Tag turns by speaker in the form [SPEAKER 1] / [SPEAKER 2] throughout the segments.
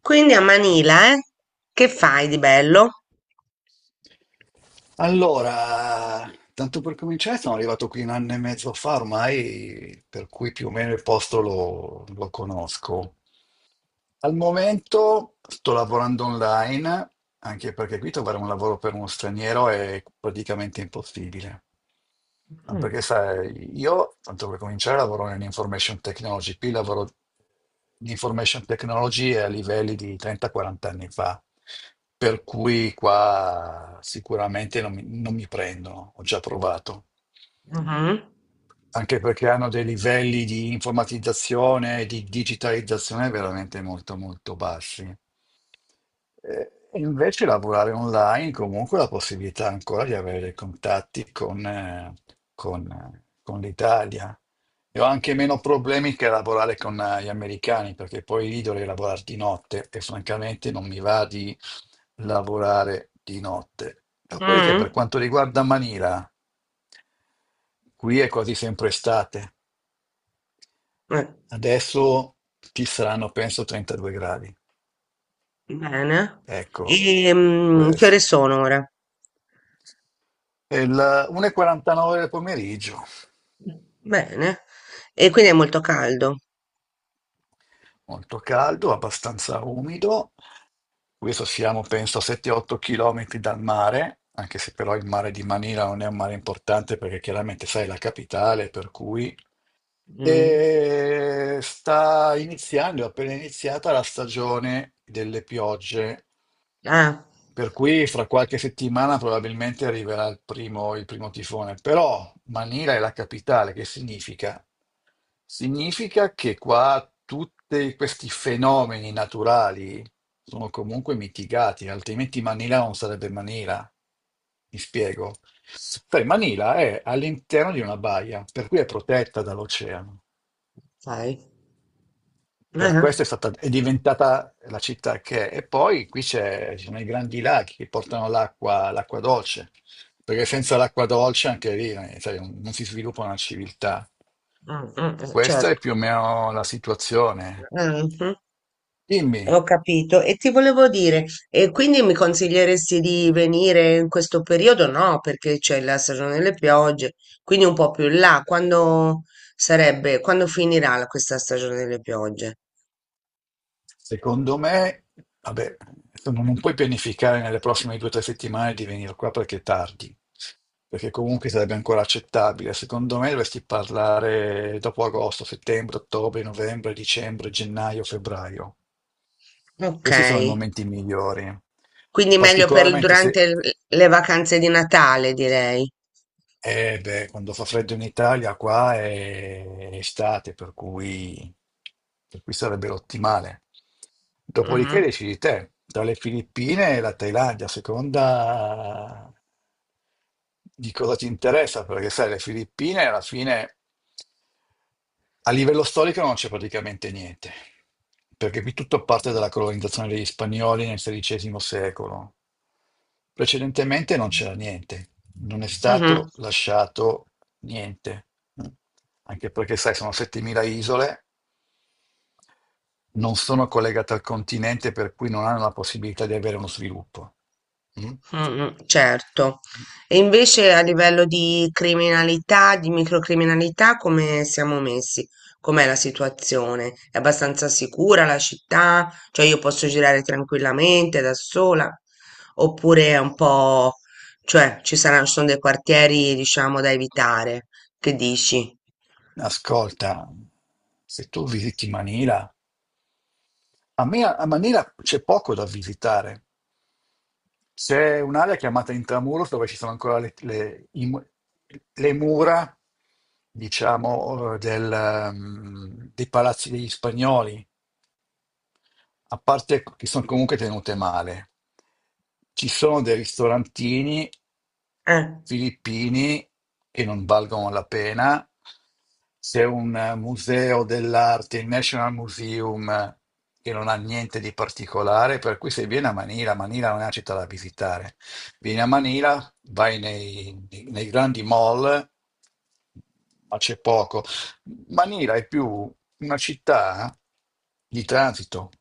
[SPEAKER 1] Quindi a Manila, eh? Che fai di bello?
[SPEAKER 2] Allora, tanto per cominciare, sono arrivato qui un anno e mezzo fa ormai, per cui più o meno il posto lo conosco. Al momento sto lavorando online, anche perché qui trovare un lavoro per uno straniero è praticamente impossibile. Ah, perché sai, io, tanto per cominciare, lavoro in information technology, qui lavoro in information technology a livelli di 30-40 anni fa, per cui qua sicuramente non mi prendono, ho già provato
[SPEAKER 1] Mhm,
[SPEAKER 2] anche perché hanno dei livelli di informatizzazione e di digitalizzazione veramente molto molto bassi. E invece lavorare online comunque la possibilità ancora di avere dei contatti con l'Italia. E ho anche meno problemi che lavorare con gli americani, perché poi lì dovrei lavorare di notte e francamente non mi va di lavorare di notte. Dopodiché,
[SPEAKER 1] mhm.
[SPEAKER 2] per quanto riguarda Manila, qui è quasi sempre estate.
[SPEAKER 1] Eh,
[SPEAKER 2] Adesso ci saranno, penso, 32 gradi.
[SPEAKER 1] bene.
[SPEAKER 2] Ecco
[SPEAKER 1] E, che ore
[SPEAKER 2] questo.
[SPEAKER 1] sono ora?
[SPEAKER 2] È il 1:49 del pomeriggio,
[SPEAKER 1] Bene. E quindi è molto caldo.
[SPEAKER 2] molto caldo, abbastanza umido. Questo siamo, penso, a 7-8 km dal mare, anche se però il mare di Manila non è un mare importante perché chiaramente sai è la capitale, per cui.
[SPEAKER 1] Mm.
[SPEAKER 2] E sta iniziando, è appena iniziata la stagione delle piogge,
[SPEAKER 1] Ah,
[SPEAKER 2] per cui fra qualche settimana probabilmente arriverà il primo tifone. Però Manila è la capitale, che significa? Significa che qua tutti questi fenomeni naturali sono comunque mitigati, altrimenti Manila non sarebbe Manila. Mi spiego. Sai, Manila è all'interno di una baia, per cui è protetta dall'oceano.
[SPEAKER 1] sai.
[SPEAKER 2] Per
[SPEAKER 1] Eh,
[SPEAKER 2] questo è stata, è diventata la città che è. E poi qui ci sono i grandi laghi che portano l'acqua, l'acqua dolce, perché senza l'acqua dolce anche lì sai, non si sviluppa una civiltà.
[SPEAKER 1] mm, mm,
[SPEAKER 2] Questa è
[SPEAKER 1] certo.
[SPEAKER 2] più o meno la situazione.
[SPEAKER 1] Mhm.
[SPEAKER 2] Dimmi.
[SPEAKER 1] Ho capito. E ti volevo dire, e quindi mi consiglieresti di venire in questo periodo? No, perché c'è la stagione delle piogge, quindi un po' più in là. Quando sarebbe, quando finirà questa stagione delle piogge?
[SPEAKER 2] Secondo me, vabbè, insomma, non puoi pianificare nelle prossime 2 o 3 settimane di venire qua perché è tardi, perché comunque sarebbe ancora accettabile. Secondo me dovresti parlare dopo agosto, settembre, ottobre, novembre, dicembre, gennaio, febbraio.
[SPEAKER 1] Ok.
[SPEAKER 2] Questi sono i momenti migliori.
[SPEAKER 1] Quindi meglio per
[SPEAKER 2] Particolarmente
[SPEAKER 1] durante
[SPEAKER 2] se.
[SPEAKER 1] le vacanze di Natale, direi.
[SPEAKER 2] Eh beh, quando fa freddo in Italia, qua è estate, per cui sarebbe l'ottimale. Dopodiché
[SPEAKER 1] Mhm.
[SPEAKER 2] decidi te, tra le Filippine e la Thailandia, a seconda di cosa ti interessa, perché sai, le Filippine alla fine a livello storico non c'è praticamente niente, perché qui tutto parte dalla colonizzazione degli spagnoli nel XVI secolo. Precedentemente non c'era niente, non è
[SPEAKER 1] Mhm.
[SPEAKER 2] stato lasciato niente, anche perché, sai, sono 7.000 isole, non sono collegate al continente, per cui non hanno la possibilità di avere uno sviluppo. Mm?
[SPEAKER 1] Mm, mm, certo. E invece a livello di criminalità, di microcriminalità, come siamo messi? Com'è la situazione? È abbastanza sicura la città? Cioè io posso girare tranquillamente da sola? Oppure è un po'... cioè ci sono dei quartieri, diciamo, da evitare? Che dici?
[SPEAKER 2] Ascolta, se tu visiti Manila, A Manila c'è poco da visitare. C'è un'area chiamata Intramuros dove ci sono ancora le mura, diciamo, dei palazzi degli spagnoli, a parte che sono comunque tenute male. Ci sono dei ristorantini
[SPEAKER 1] Eh,
[SPEAKER 2] filippini che non valgono la pena. C'è un museo dell'arte, il National Museum, che non ha niente di particolare, per cui se vieni a Manila, Manila non è una città da visitare. Vieni a Manila, vai nei grandi mall, ma c'è poco. Manila è più una città di transito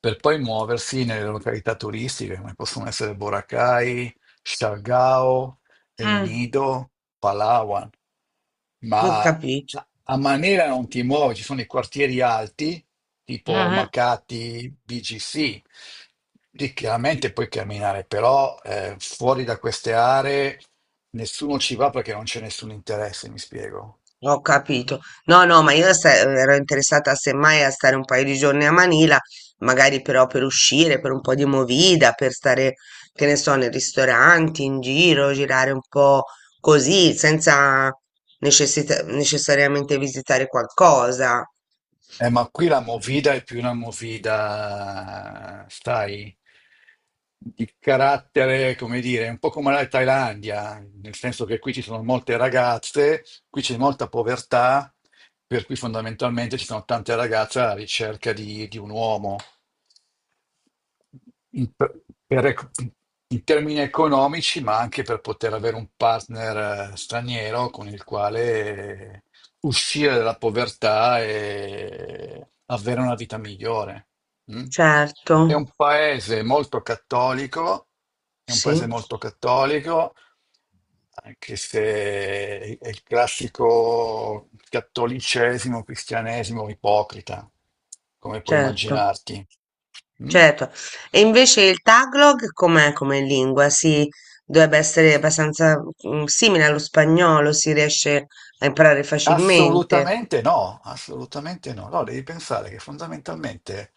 [SPEAKER 2] per poi muoversi nelle località turistiche, come possono essere Boracay, Siargao, El
[SPEAKER 1] mm,
[SPEAKER 2] Nido, Palawan,
[SPEAKER 1] ho
[SPEAKER 2] ma
[SPEAKER 1] capito.
[SPEAKER 2] a Manera non ti muovi, ci sono i quartieri alti, tipo Makati, BGC, lì chiaramente puoi camminare, però fuori da queste aree nessuno ci va perché non c'è nessun interesse, mi spiego.
[SPEAKER 1] Ho
[SPEAKER 2] Mm?
[SPEAKER 1] capito. No, no, ma io ero interessata semmai a stare un paio di giorni a Manila, magari però per uscire, per un po' di movida, per stare, che ne so, nei ristoranti, in giro, girare un po' così, senza necessariamente visitare qualcosa.
[SPEAKER 2] Ma qui la movida è più una movida, sai, di carattere, come dire, un po' come la Thailandia, nel senso che qui ci sono molte ragazze, qui c'è molta povertà, per cui fondamentalmente ci sono tante ragazze alla ricerca di un uomo in, per- per ec- in termini economici, ma anche per poter avere un partner straniero con il quale uscire dalla povertà e avere una vita migliore. Mm?
[SPEAKER 1] Certo,
[SPEAKER 2] È un paese molto cattolico, è un
[SPEAKER 1] sì,
[SPEAKER 2] paese molto cattolico, anche se è il classico cattolicesimo, cristianesimo ipocrita, come puoi
[SPEAKER 1] certo.
[SPEAKER 2] immaginarti. Mm?
[SPEAKER 1] Certo, e invece il Tagalog com'è come lingua? Si dovrebbe essere abbastanza simile allo spagnolo, si riesce a imparare facilmente?
[SPEAKER 2] Assolutamente no, assolutamente no. No, devi pensare che fondamentalmente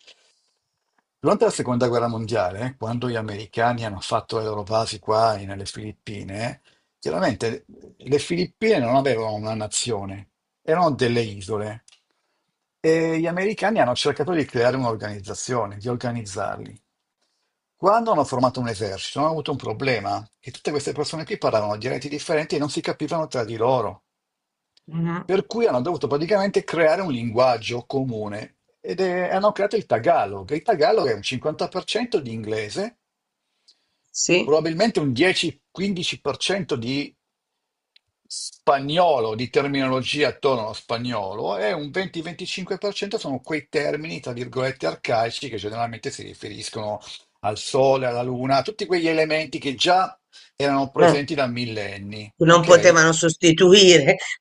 [SPEAKER 2] durante la seconda guerra mondiale, quando gli americani hanno fatto le loro basi qua nelle Filippine, chiaramente le Filippine non avevano una nazione, erano delle isole e gli americani hanno cercato di creare un'organizzazione, di organizzarli. Quando hanno formato un esercito, hanno avuto un problema, che tutte queste persone qui parlavano dialetti differenti e non si capivano tra di loro.
[SPEAKER 1] Mhm.
[SPEAKER 2] Per cui hanno dovuto praticamente creare un linguaggio comune hanno creato il Tagalog. Il Tagalog è un 50% di inglese,
[SPEAKER 1] Sì?
[SPEAKER 2] probabilmente un 10-15% di spagnolo, di terminologia attorno allo spagnolo, e un 20-25% sono quei termini, tra virgolette, arcaici che generalmente si riferiscono al sole, alla luna, a tutti quegli elementi che già erano
[SPEAKER 1] Eh,
[SPEAKER 2] presenti da millenni,
[SPEAKER 1] non
[SPEAKER 2] ok?
[SPEAKER 1] potevano sostituire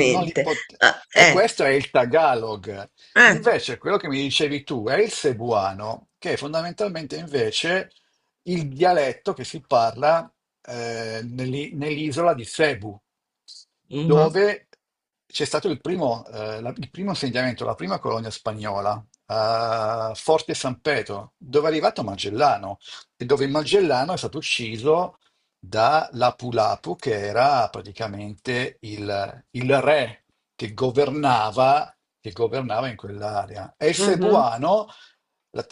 [SPEAKER 2] Non li pot-
[SPEAKER 1] Ah,
[SPEAKER 2] E questo è il Tagalog.
[SPEAKER 1] eh,
[SPEAKER 2] Invece, quello che mi dicevi tu è il Cebuano, che è fondamentalmente invece il dialetto che si parla nell'isola di Cebu
[SPEAKER 1] mhm.
[SPEAKER 2] dove c'è stato il primo insediamento, la prima colonia spagnola, a Forte San Pedro, dove è arrivato Magellano e dove Magellano è stato ucciso da Lapu-Lapu, che era praticamente il re che governava, che governava in quell'area. E il
[SPEAKER 1] Mhm,
[SPEAKER 2] Cebuano la-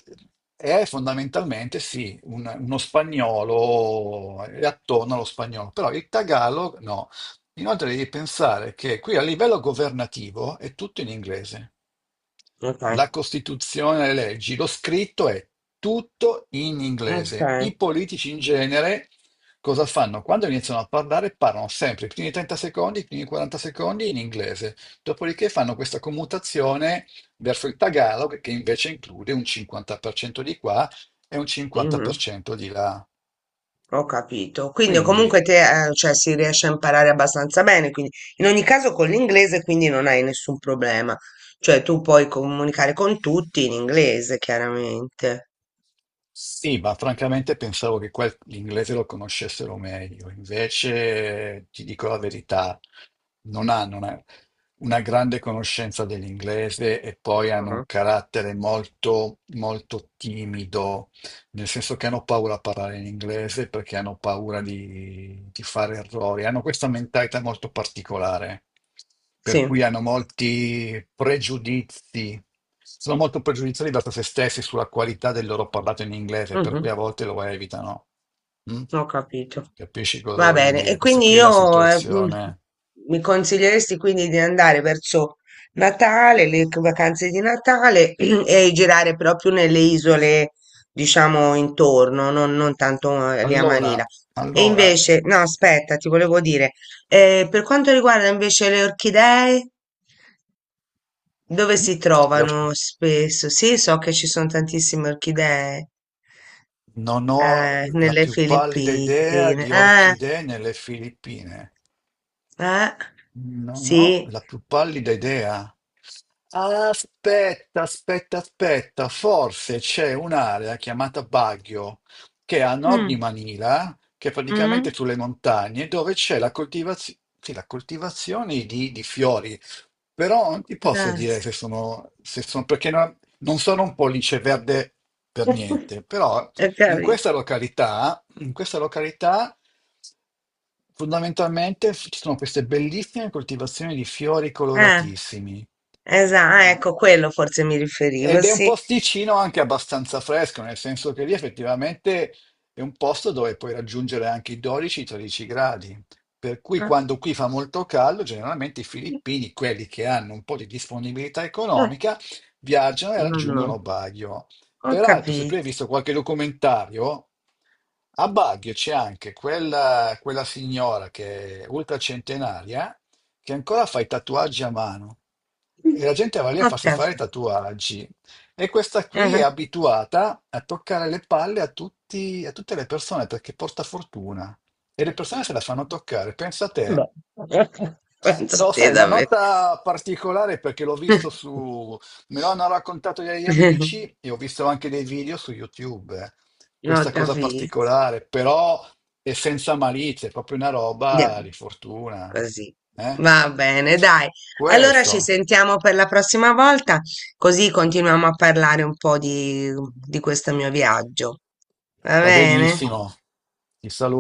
[SPEAKER 2] è fondamentalmente, sì, uno spagnolo, è attorno allo spagnolo, però il Tagalog no. Inoltre devi pensare che qui a livello governativo è tutto in inglese.
[SPEAKER 1] ok,
[SPEAKER 2] La Costituzione, le leggi, lo scritto è tutto in
[SPEAKER 1] ok,
[SPEAKER 2] inglese. I politici in genere cosa fanno? Quando iniziano a parlare, parlano sempre i primi 30 secondi, i primi 40 secondi in inglese. Dopodiché fanno questa commutazione verso il tagalog, che invece include un 50% di qua e un
[SPEAKER 1] mhm.
[SPEAKER 2] 50% di là.
[SPEAKER 1] Ho capito. Quindi
[SPEAKER 2] Quindi.
[SPEAKER 1] comunque te, cioè, si riesce a imparare abbastanza bene, quindi in ogni caso con l'inglese quindi non hai nessun problema. Cioè tu puoi comunicare con tutti in inglese, chiaramente.
[SPEAKER 2] Sì, ma francamente pensavo che l'inglese lo conoscessero meglio, invece ti dico la verità, non hanno una grande conoscenza dell'inglese e poi hanno un
[SPEAKER 1] Mm,
[SPEAKER 2] carattere molto, molto timido, nel senso che hanno paura a parlare in inglese perché hanno paura di fare errori, hanno questa mentalità molto particolare, per
[SPEAKER 1] sì,
[SPEAKER 2] cui hanno molti pregiudizi, sono molto pregiudiziali verso se stessi sulla qualità del loro parlato in inglese, per cui
[SPEAKER 1] mhm,
[SPEAKER 2] a volte lo evitano. Mm?
[SPEAKER 1] ho capito.
[SPEAKER 2] Capisci cosa
[SPEAKER 1] Va
[SPEAKER 2] voglio
[SPEAKER 1] bene, e
[SPEAKER 2] dire? Questa
[SPEAKER 1] quindi
[SPEAKER 2] qui è la
[SPEAKER 1] io
[SPEAKER 2] situazione.
[SPEAKER 1] mi consiglieresti quindi di andare verso Natale, vacanze di Natale e girare proprio nelle isole, diciamo, intorno, non tanto lì a Manila.
[SPEAKER 2] Allora,
[SPEAKER 1] E
[SPEAKER 2] allora.
[SPEAKER 1] invece, no, aspetta, ti volevo dire, per quanto riguarda invece le orchidee, dove
[SPEAKER 2] Mm?
[SPEAKER 1] si
[SPEAKER 2] Le
[SPEAKER 1] trovano
[SPEAKER 2] orchidee.
[SPEAKER 1] spesso? Sì, so che ci sono tantissime orchidee,
[SPEAKER 2] Non ho la
[SPEAKER 1] nelle
[SPEAKER 2] più pallida idea
[SPEAKER 1] Filippine.
[SPEAKER 2] di
[SPEAKER 1] Eh.
[SPEAKER 2] orchidee nelle Filippine.
[SPEAKER 1] Eh?
[SPEAKER 2] Non ho
[SPEAKER 1] Sì.
[SPEAKER 2] la più pallida idea. Aspetta, aspetta, aspetta, forse c'è un'area chiamata Baguio, che è a nord di
[SPEAKER 1] Mm,
[SPEAKER 2] Manila, che è praticamente
[SPEAKER 1] mm,
[SPEAKER 2] sulle montagne, dove c'è la coltivazione, sì, la coltivazione di fiori. Però non ti
[SPEAKER 1] può
[SPEAKER 2] posso dire
[SPEAKER 1] darsi.
[SPEAKER 2] se sono perché non sono un pollice verde per niente, però
[SPEAKER 1] Ho
[SPEAKER 2] in
[SPEAKER 1] capito.
[SPEAKER 2] questa località in questa località fondamentalmente ci sono queste bellissime coltivazioni di fiori
[SPEAKER 1] Eh,
[SPEAKER 2] coloratissimi.
[SPEAKER 1] esatto,
[SPEAKER 2] eh.
[SPEAKER 1] ecco, quello forse mi riferivo,
[SPEAKER 2] Ed è un
[SPEAKER 1] sì.
[SPEAKER 2] posticino anche abbastanza fresco, nel senso che lì effettivamente è un posto dove puoi raggiungere anche i 12-13 gradi. Per cui
[SPEAKER 1] Ah,
[SPEAKER 2] quando qui fa molto caldo, generalmente i filippini, quelli che hanno un po' di disponibilità economica, viaggiano e
[SPEAKER 1] no, no,
[SPEAKER 2] raggiungono Baguio.
[SPEAKER 1] ho
[SPEAKER 2] Peraltro, se tu
[SPEAKER 1] capito.
[SPEAKER 2] hai visto qualche documentario, a Baguio c'è anche quella signora che è ultracentenaria, che ancora fa i tatuaggi a mano. E la gente va
[SPEAKER 1] Ho
[SPEAKER 2] lì a farsi fare i
[SPEAKER 1] capito.
[SPEAKER 2] tatuaggi. E questa qui è
[SPEAKER 1] Eh,
[SPEAKER 2] abituata a toccare le palle a tutte le persone perché porta fortuna e le persone se la fanno toccare. Pensa a te.
[SPEAKER 1] beh. Penso a
[SPEAKER 2] No,
[SPEAKER 1] te
[SPEAKER 2] sai, una
[SPEAKER 1] davvero.
[SPEAKER 2] nota particolare perché l'ho visto su... Me lo hanno raccontato degli amici e ho visto anche dei video su YouTube.
[SPEAKER 1] Ho
[SPEAKER 2] Questa cosa
[SPEAKER 1] capito.
[SPEAKER 2] particolare, però è senza malizia, è proprio una roba
[SPEAKER 1] Andiamo.
[SPEAKER 2] di fortuna.
[SPEAKER 1] Così.
[SPEAKER 2] Eh?
[SPEAKER 1] Va bene, dai. Allora ci
[SPEAKER 2] Questo
[SPEAKER 1] sentiamo per la prossima volta, così continuiamo a parlare un po' di questo mio viaggio. Va
[SPEAKER 2] va
[SPEAKER 1] bene?
[SPEAKER 2] benissimo. Ti saluto.